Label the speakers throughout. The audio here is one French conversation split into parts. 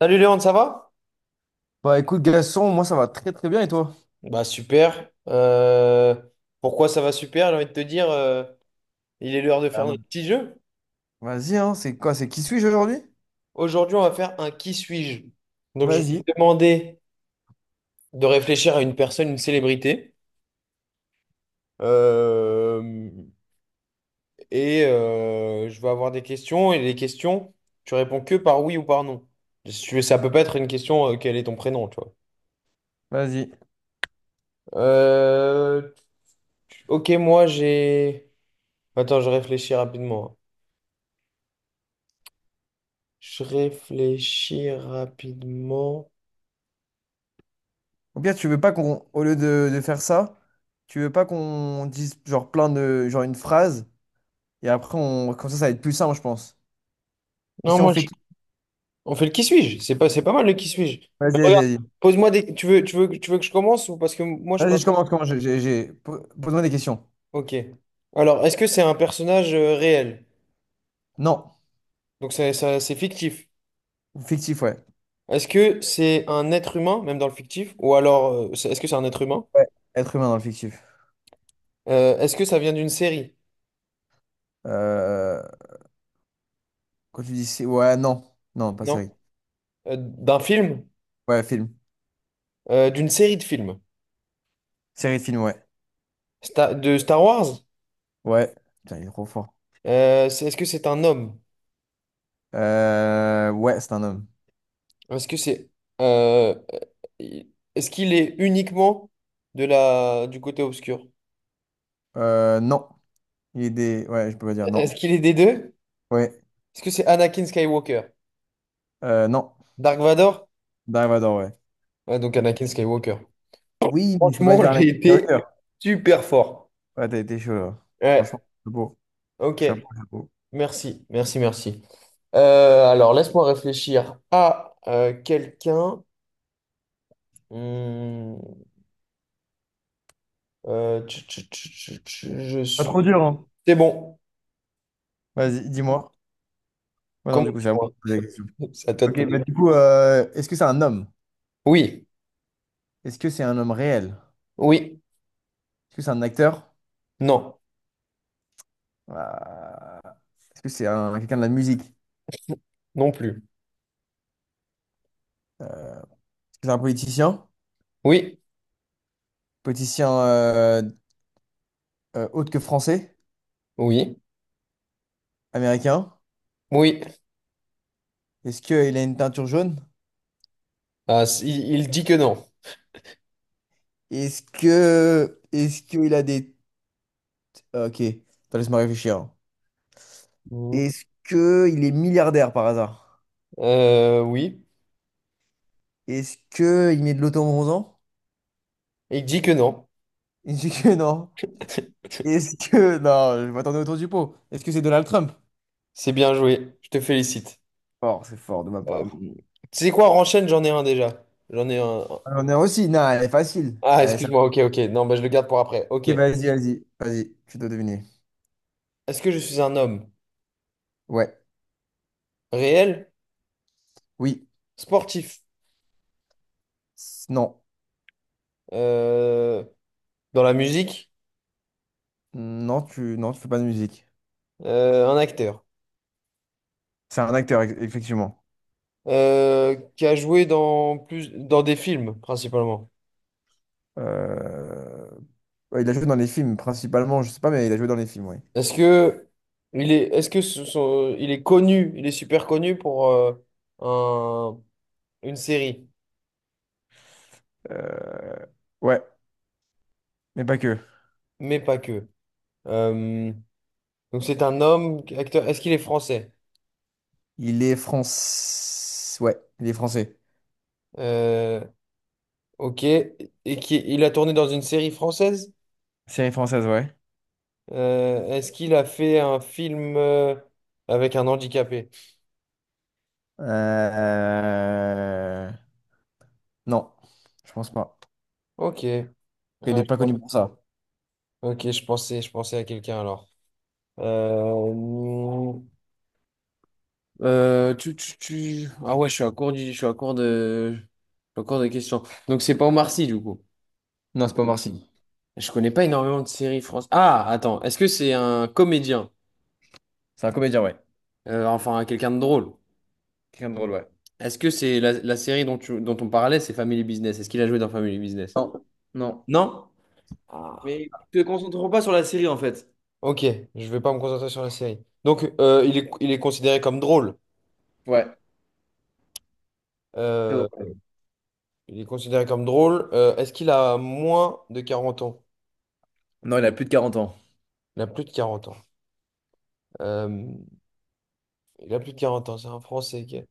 Speaker 1: Salut Léon, ça va?
Speaker 2: Bah écoute Gaston, moi ça va très très bien et toi?
Speaker 1: Bah super. Pourquoi ça va super? J'ai envie de te dire, il est l'heure de faire
Speaker 2: Ah bah.
Speaker 1: notre petit jeu.
Speaker 2: Vas-y, hein, c'est quoi? C'est qui suis-je aujourd'hui?
Speaker 1: Aujourd'hui, on va faire un qui suis-je. Donc je vais
Speaker 2: Vas-y,
Speaker 1: te demander de réfléchir à une personne, une célébrité. Euh, je vais avoir des questions. Et les questions, tu réponds que par oui ou par non. Si tu veux, ça peut pas être une question, quel est ton prénom, tu vois.
Speaker 2: vas-y.
Speaker 1: Euh, ok, attends, je réfléchis rapidement. Je réfléchis rapidement.
Speaker 2: Ou bien tu veux pas qu'on, au lieu de faire ça, tu veux pas qu'on dise genre plein de, genre une phrase, et après on, comme ça ça va être plus simple, je pense. Et
Speaker 1: Non,
Speaker 2: si on
Speaker 1: moi,
Speaker 2: fait
Speaker 1: je-
Speaker 2: qui?
Speaker 1: On fait le qui suis-je. C'est pas mal le qui suis-je.
Speaker 2: Vas-y,
Speaker 1: Mais regarde,
Speaker 2: vas-y.
Speaker 1: pose-moi des. Tu veux que je commence ou parce que moi, je peux.
Speaker 2: Vas-y,
Speaker 1: Avoir-
Speaker 2: je commence, j'ai- po- pose-moi des questions.
Speaker 1: ok. Alors, est-ce que c'est un personnage réel?
Speaker 2: Non,
Speaker 1: C'est fictif.
Speaker 2: fictif, ouais.
Speaker 1: Est-ce que c'est un être humain, même dans le fictif? Est-ce que c'est un être humain?
Speaker 2: Ouais, être humain dans le fictif.
Speaker 1: Est-ce que ça vient d'une série?
Speaker 2: Euh, Quand tu dis, ouais, non, non, pas série.
Speaker 1: Non. D'un film?
Speaker 2: Ouais, film.
Speaker 1: D'une série de films?
Speaker 2: Série de film, ouais.
Speaker 1: De Star Wars?
Speaker 2: Ouais. Putain, il est trop fort.
Speaker 1: Est-ce que c'est un homme?
Speaker 2: Ouais, c'est un homme.
Speaker 1: Est-ce que c'est. Euh, il- Est-ce qu'il est uniquement de la... du côté obscur?
Speaker 2: Non. Ouais, je peux pas dire non.
Speaker 1: Est-ce qu'il est des deux?
Speaker 2: Ouais.
Speaker 1: Est-ce que c'est Anakin Skywalker?
Speaker 2: Non.
Speaker 1: Dark Vador?
Speaker 2: Dark Vador, ouais.
Speaker 1: Ouais, donc Anakin Skywalker.
Speaker 2: Oui, mais je peux pas
Speaker 1: Franchement,
Speaker 2: dire
Speaker 1: j'ai
Speaker 2: Anakin
Speaker 1: été
Speaker 2: Skywalker.
Speaker 1: super fort.
Speaker 2: Ouais, t'as été chaud, là.
Speaker 1: Ouais,
Speaker 2: Franchement, chapeau.
Speaker 1: ok.
Speaker 2: Chapeau, chapeau.
Speaker 1: Merci, merci, merci. Alors, laisse-moi réfléchir à quelqu'un. Hmm, tch, tch, tch, tch, tch, je
Speaker 2: Pas
Speaker 1: suis.
Speaker 2: trop dur, hein?
Speaker 1: C'est bon.
Speaker 2: Vas-y, dis-moi. Ouais, non,
Speaker 1: Comment
Speaker 2: du coup, c'est à moi
Speaker 1: dis-moi?
Speaker 2: de poser la question.
Speaker 1: C'est à toi de
Speaker 2: Ok, bah
Speaker 1: poser.
Speaker 2: du coup, est-ce que c'est un homme?
Speaker 1: Oui,
Speaker 2: Est-ce que c'est un homme réel?
Speaker 1: oui,
Speaker 2: Est-ce que c'est un acteur?
Speaker 1: non,
Speaker 2: Euh, Est-ce que c'est quelqu'un de la musique?
Speaker 1: non plus.
Speaker 2: Est-ce que c'est un politicien?
Speaker 1: Oui,
Speaker 2: Politicien autre que français?
Speaker 1: oui.
Speaker 2: Américain?
Speaker 1: Oui,
Speaker 2: Est-ce qu'il a une teinture jaune?
Speaker 1: ah, il dit que non.
Speaker 2: Est-ce que. Est-ce qu'il a des. Ok, attends, laisse-moi réfléchir.
Speaker 1: Mhm.
Speaker 2: Est-ce que il est milliardaire par hasard?
Speaker 1: Oui,
Speaker 2: Est-ce que il met de l'auto-bronzant?
Speaker 1: il dit que non.
Speaker 2: Est-ce que non? Est-ce que. Non, je m'attendais autour du pot. Est-ce que c'est Donald Trump?
Speaker 1: C'est bien joué, je te félicite.
Speaker 2: Fort, c'est fort de ma
Speaker 1: Euh,
Speaker 2: part.
Speaker 1: Tu sais quoi, enchaîne, j'en ai un déjà. J'en ai un.
Speaker 2: On est aussi. Non, elle est facile.
Speaker 1: Ah,
Speaker 2: Allez, ça-
Speaker 1: excuse-moi, ok, ok. Non, bah, je le garde pour après.
Speaker 2: Ok,
Speaker 1: Ok. Est-ce
Speaker 2: vas-y, Vas-y, tu dois deviner.
Speaker 1: que je suis un homme
Speaker 2: Ouais,
Speaker 1: réel,
Speaker 2: oui,
Speaker 1: sportif,
Speaker 2: Non.
Speaker 1: euh, dans la musique,
Speaker 2: Non, tu fais pas de musique.
Speaker 1: un acteur,
Speaker 2: C'est un acteur, effectivement.
Speaker 1: qui a joué dans plus dans des films principalement?
Speaker 2: Euh, ouais, il a joué dans les films principalement, je sais pas, mais il a joué dans les films, ouais.
Speaker 1: Est-ce que il est, est-ce que ce sont- il est connu, il est super connu pour un- une série,
Speaker 2: Euh, ouais, mais pas que.
Speaker 1: mais pas que. Euh, donc c'est un homme, acteur. Est-ce qu'il est français?
Speaker 2: Ouais, il est français.
Speaker 1: Euh, ok. Il a tourné dans une série française?
Speaker 2: Série française, ouais.
Speaker 1: Est-ce qu'il a fait un film avec un handicapé?
Speaker 2: Euh, Non, je pense pas.
Speaker 1: Ok. Ouais,
Speaker 2: Il est
Speaker 1: je
Speaker 2: pas
Speaker 1: pense-
Speaker 2: connu pour ça.
Speaker 1: ok, je pensais à quelqu'un alors. Euh, Ah ouais, je suis à court de questions. Donc c'est pas Omar Sy, du coup.
Speaker 2: Non, c'est pas Omar Sy.
Speaker 1: Je connais pas énormément de séries françaises. Ah, attends, est-ce que c'est un comédien?
Speaker 2: C'est un comédien, ouais.
Speaker 1: Enfin, quelqu'un de drôle.
Speaker 2: Quelqu'un de drôle, ouais.
Speaker 1: Est-ce que c'est la série dont on parlait, c'est Family Business? Est-ce qu'il a joué dans Family Business?
Speaker 2: Non, non.
Speaker 1: Non? Ah.
Speaker 2: Mais tu te concentres pas sur la série en fait.
Speaker 1: Ok, je vais pas me concentrer sur la série. Donc, il est considéré comme drôle.
Speaker 2: Ouais, très
Speaker 1: Euh,
Speaker 2: drôle.
Speaker 1: il est considéré comme drôle. Est-ce qu'il a moins de 40 ans?
Speaker 2: Non, il a plus de 40 ans.
Speaker 1: Il a plus de 40 ans. Euh, Il a plus de 40 ans, c'est un Français qui a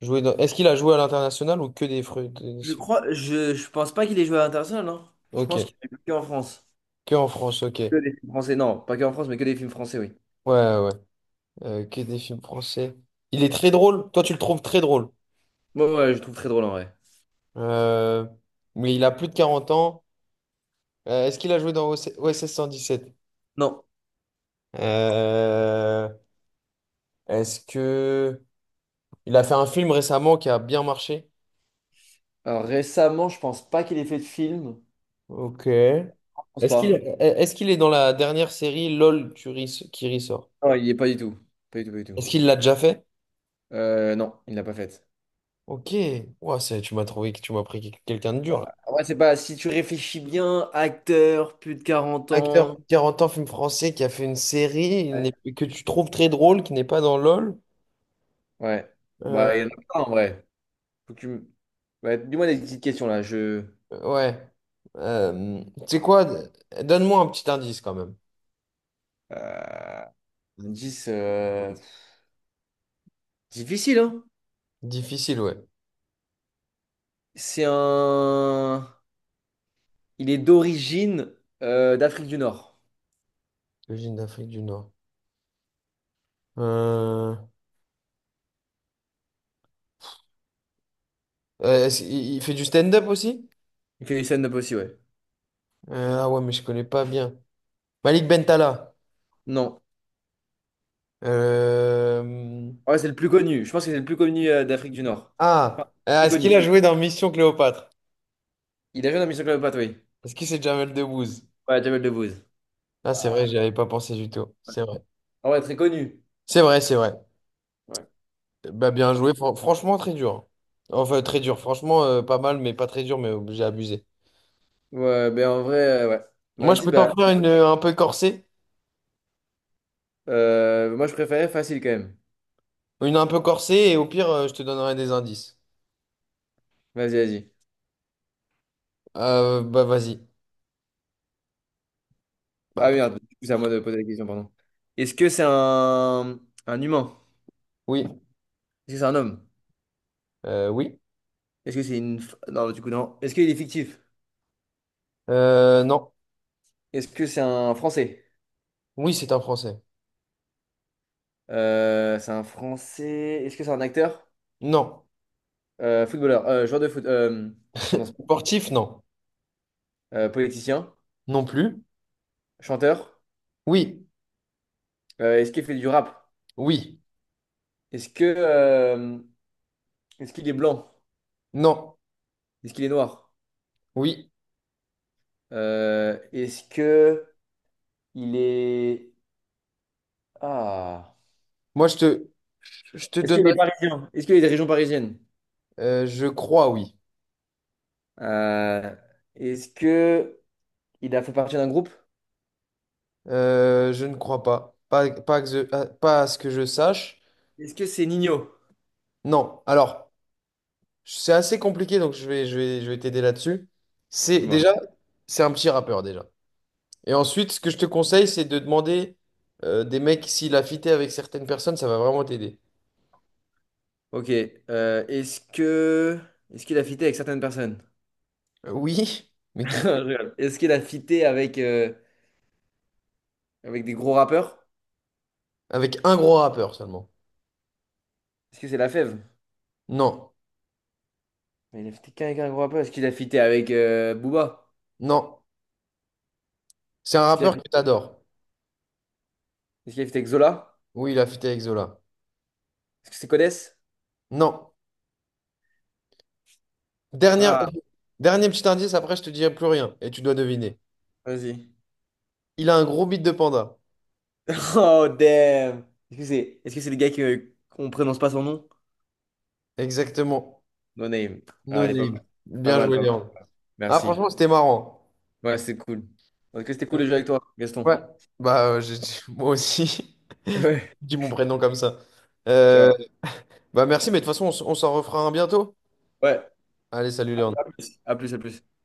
Speaker 1: joué dans... Est-ce qu'il a joué à l'international ou que des fruits?
Speaker 2: Je crois, je pense pas qu'il ait joué à l'international, non? Je
Speaker 1: Ok,
Speaker 2: pense qu'il est joué en France.
Speaker 1: que en France, ok.
Speaker 2: Que
Speaker 1: Ouais,
Speaker 2: des films français, non, pas que en France, mais que des films français, oui.
Speaker 1: ouais. Que des films français. Il est très drôle, toi tu le trouves très drôle.
Speaker 2: Ouais, ouais, je trouve très drôle en vrai.
Speaker 1: Euh, Mais il a plus de 40 ans. Est-ce qu'il a joué dans OC OSS 117?
Speaker 2: Non.
Speaker 1: Euh, Est-ce que... il a fait un film récemment qui a bien marché?
Speaker 2: Alors récemment, je pense pas qu'il ait fait de film.
Speaker 1: Ok.
Speaker 2: Je pense
Speaker 1: Est-ce qu'il
Speaker 2: pas.
Speaker 1: est-ce qu'il est dans la dernière série LOL qui ressort?
Speaker 2: Non, il y est pas du tout. Pas du tout, pas du tout.
Speaker 1: Est-ce qu'il l'a déjà fait?
Speaker 2: Non, il l'a pas fait.
Speaker 1: Ok, ouah, tu m'as pris quel- quelqu'un de
Speaker 2: Ouais,
Speaker 1: dur là.
Speaker 2: en vrai, c'est pas. Si tu réfléchis bien, acteur, plus de quarante
Speaker 1: Acteur
Speaker 2: ans.
Speaker 1: 40 ans, film français qui a fait une série il
Speaker 2: Ouais.
Speaker 1: n'est- que tu trouves très drôle, qui n'est pas dans LOL.
Speaker 2: Ouais.
Speaker 1: Euh,
Speaker 2: Bah, il y en a plein en vrai. Faut que tu m- Ouais, dis-moi des petites questions là. Je.
Speaker 1: ouais. Tu sais quoi? Donne-moi un petit indice quand même.
Speaker 2: Euh... indice, difficile, hein?
Speaker 1: Difficile, ouais.
Speaker 2: C'est un. Il est d'origine d'Afrique du Nord.
Speaker 1: Origine d'Afrique du Nord. Euh, il fait du stand-up aussi?
Speaker 2: Il fait du stand-up aussi, ouais.
Speaker 1: Ah ouais, mais je connais pas bien. Malik Bentala.
Speaker 2: Non.
Speaker 1: Euh,
Speaker 2: Ouais, c'est le plus connu. Je pense que c'est le plus connu d'Afrique du Nord. Enfin,
Speaker 1: ah,
Speaker 2: le
Speaker 1: Ah,
Speaker 2: plus
Speaker 1: est-ce qu'il
Speaker 2: connu.
Speaker 1: a joué dans Mission Cléopâtre?
Speaker 2: Il a joué dans Mission Cléopâtre, oui.
Speaker 1: Est-ce que c'est Jamel Debbouze?
Speaker 2: Ouais, Jamel Debbouze.
Speaker 1: Ah, c'est vrai, j'y avais pas pensé du tout. C'est vrai.
Speaker 2: Ah ouais, très connu.
Speaker 1: C'est vrai, c'est vrai.
Speaker 2: Ouais.
Speaker 1: Bah, bien joué. Franchement, très dur. Enfin, très dur. Franchement, pas mal, mais pas très dur, mais j'ai abusé.
Speaker 2: Ouais, ben en vrai, ouais. Bah,
Speaker 1: Moi, je
Speaker 2: vas-y,
Speaker 1: peux t'en
Speaker 2: bah.
Speaker 1: faire une un peu corsée.
Speaker 2: Moi, je préférais facile quand même.
Speaker 1: Une un peu corsée, et au pire, je te donnerai des indices.
Speaker 2: Vas-y,
Speaker 1: Vas-y. Bah,
Speaker 2: Ah
Speaker 1: p-
Speaker 2: merde, du coup, c'est à moi de poser la question, pardon. Est-ce que c'est un humain?
Speaker 1: oui.
Speaker 2: Est-ce que c'est un homme?
Speaker 1: Oui.
Speaker 2: Est-ce que c'est une. F- Non, du coup, non. Est-ce qu'il est fictif?
Speaker 1: Non.
Speaker 2: Est-ce que c'est un Français?
Speaker 1: Oui, c'est un Français.
Speaker 2: C'est un Français. Est-ce que c'est un acteur?
Speaker 1: Non.
Speaker 2: Joueur de foot, pardon, sport.
Speaker 1: Sportif, non.
Speaker 2: Politicien,
Speaker 1: Non plus.
Speaker 2: chanteur.
Speaker 1: Oui.
Speaker 2: Est-ce qu'il fait du rap?
Speaker 1: Oui.
Speaker 2: Est-ce que, euh, Est-ce qu'il est blanc?
Speaker 1: Non.
Speaker 2: Est-ce qu'il est noir?
Speaker 1: Oui.
Speaker 2: Est-ce que il est ah
Speaker 1: Moi, je te, je te
Speaker 2: Est-ce qu'il est
Speaker 1: donnerai.
Speaker 2: parisien? Est-ce qu'il est des régions parisiennes?
Speaker 1: Je crois, oui.
Speaker 2: Euh, Est-ce que il a fait partie d'un groupe?
Speaker 1: Je ne crois pas. Que je- à pas à ce que je sache.
Speaker 2: Est-ce que c'est Nino?
Speaker 1: Non. Alors, c'est assez compliqué, donc je vais t'aider là-dessus. C'est déjà,
Speaker 2: Moi.
Speaker 1: c'est un petit rappeur déjà. Et ensuite, ce que je te conseille, c'est de demander des mecs s'il a fité avec certaines personnes, ça va vraiment t'aider.
Speaker 2: Ok. euh, est-ce que Est-ce qu'il a fité avec certaines personnes?
Speaker 1: Oui, mais qui?
Speaker 2: Je rigole. Est-ce qu'il a fité avec des gros rappeurs?
Speaker 1: Avec un gros rappeur seulement.
Speaker 2: Est-ce que c'est la fève?
Speaker 1: Non,
Speaker 2: Mais il a fité qu'avec un gros rappeur. Est-ce qu'il a fité avec Booba?
Speaker 1: non. C'est un
Speaker 2: Est-ce qu'il a,
Speaker 1: rappeur
Speaker 2: fi-
Speaker 1: que t'adores.
Speaker 2: Est-ce qu'il a fité avec Zola?
Speaker 1: Oui, il a fité avec Zola.
Speaker 2: Est-ce que c'est Codès?
Speaker 1: Non. Dernière,
Speaker 2: Ah,
Speaker 1: dernier petit indice, après je te dirai plus rien et tu dois deviner.
Speaker 2: vas-y.
Speaker 1: Il a un gros beat de panda.
Speaker 2: Oh damn! Est-ce que c'est le gars que qu'on prononce pas son nom?
Speaker 1: Exactement.
Speaker 2: No name. Ah,
Speaker 1: No
Speaker 2: elle est pas
Speaker 1: name.
Speaker 2: mal. Pas
Speaker 1: Bien
Speaker 2: mal,
Speaker 1: joué,
Speaker 2: pas mal.
Speaker 1: Léon. Ah,
Speaker 2: Merci.
Speaker 1: franchement, c'était marrant.
Speaker 2: Ouais, c'est cool. Est-ce que c'était cool
Speaker 1: Euh,
Speaker 2: de jouer avec toi, Gaston?
Speaker 1: Ouais. Bah, euh, j'ai- Moi aussi.
Speaker 2: Ouais.
Speaker 1: Dis mon prénom comme ça. Euh,
Speaker 2: Ciao.
Speaker 1: merci, mais de toute façon, on s'en refera un bientôt.
Speaker 2: Ouais.
Speaker 1: Allez, salut,
Speaker 2: À
Speaker 1: Léon.
Speaker 2: plus, à plus.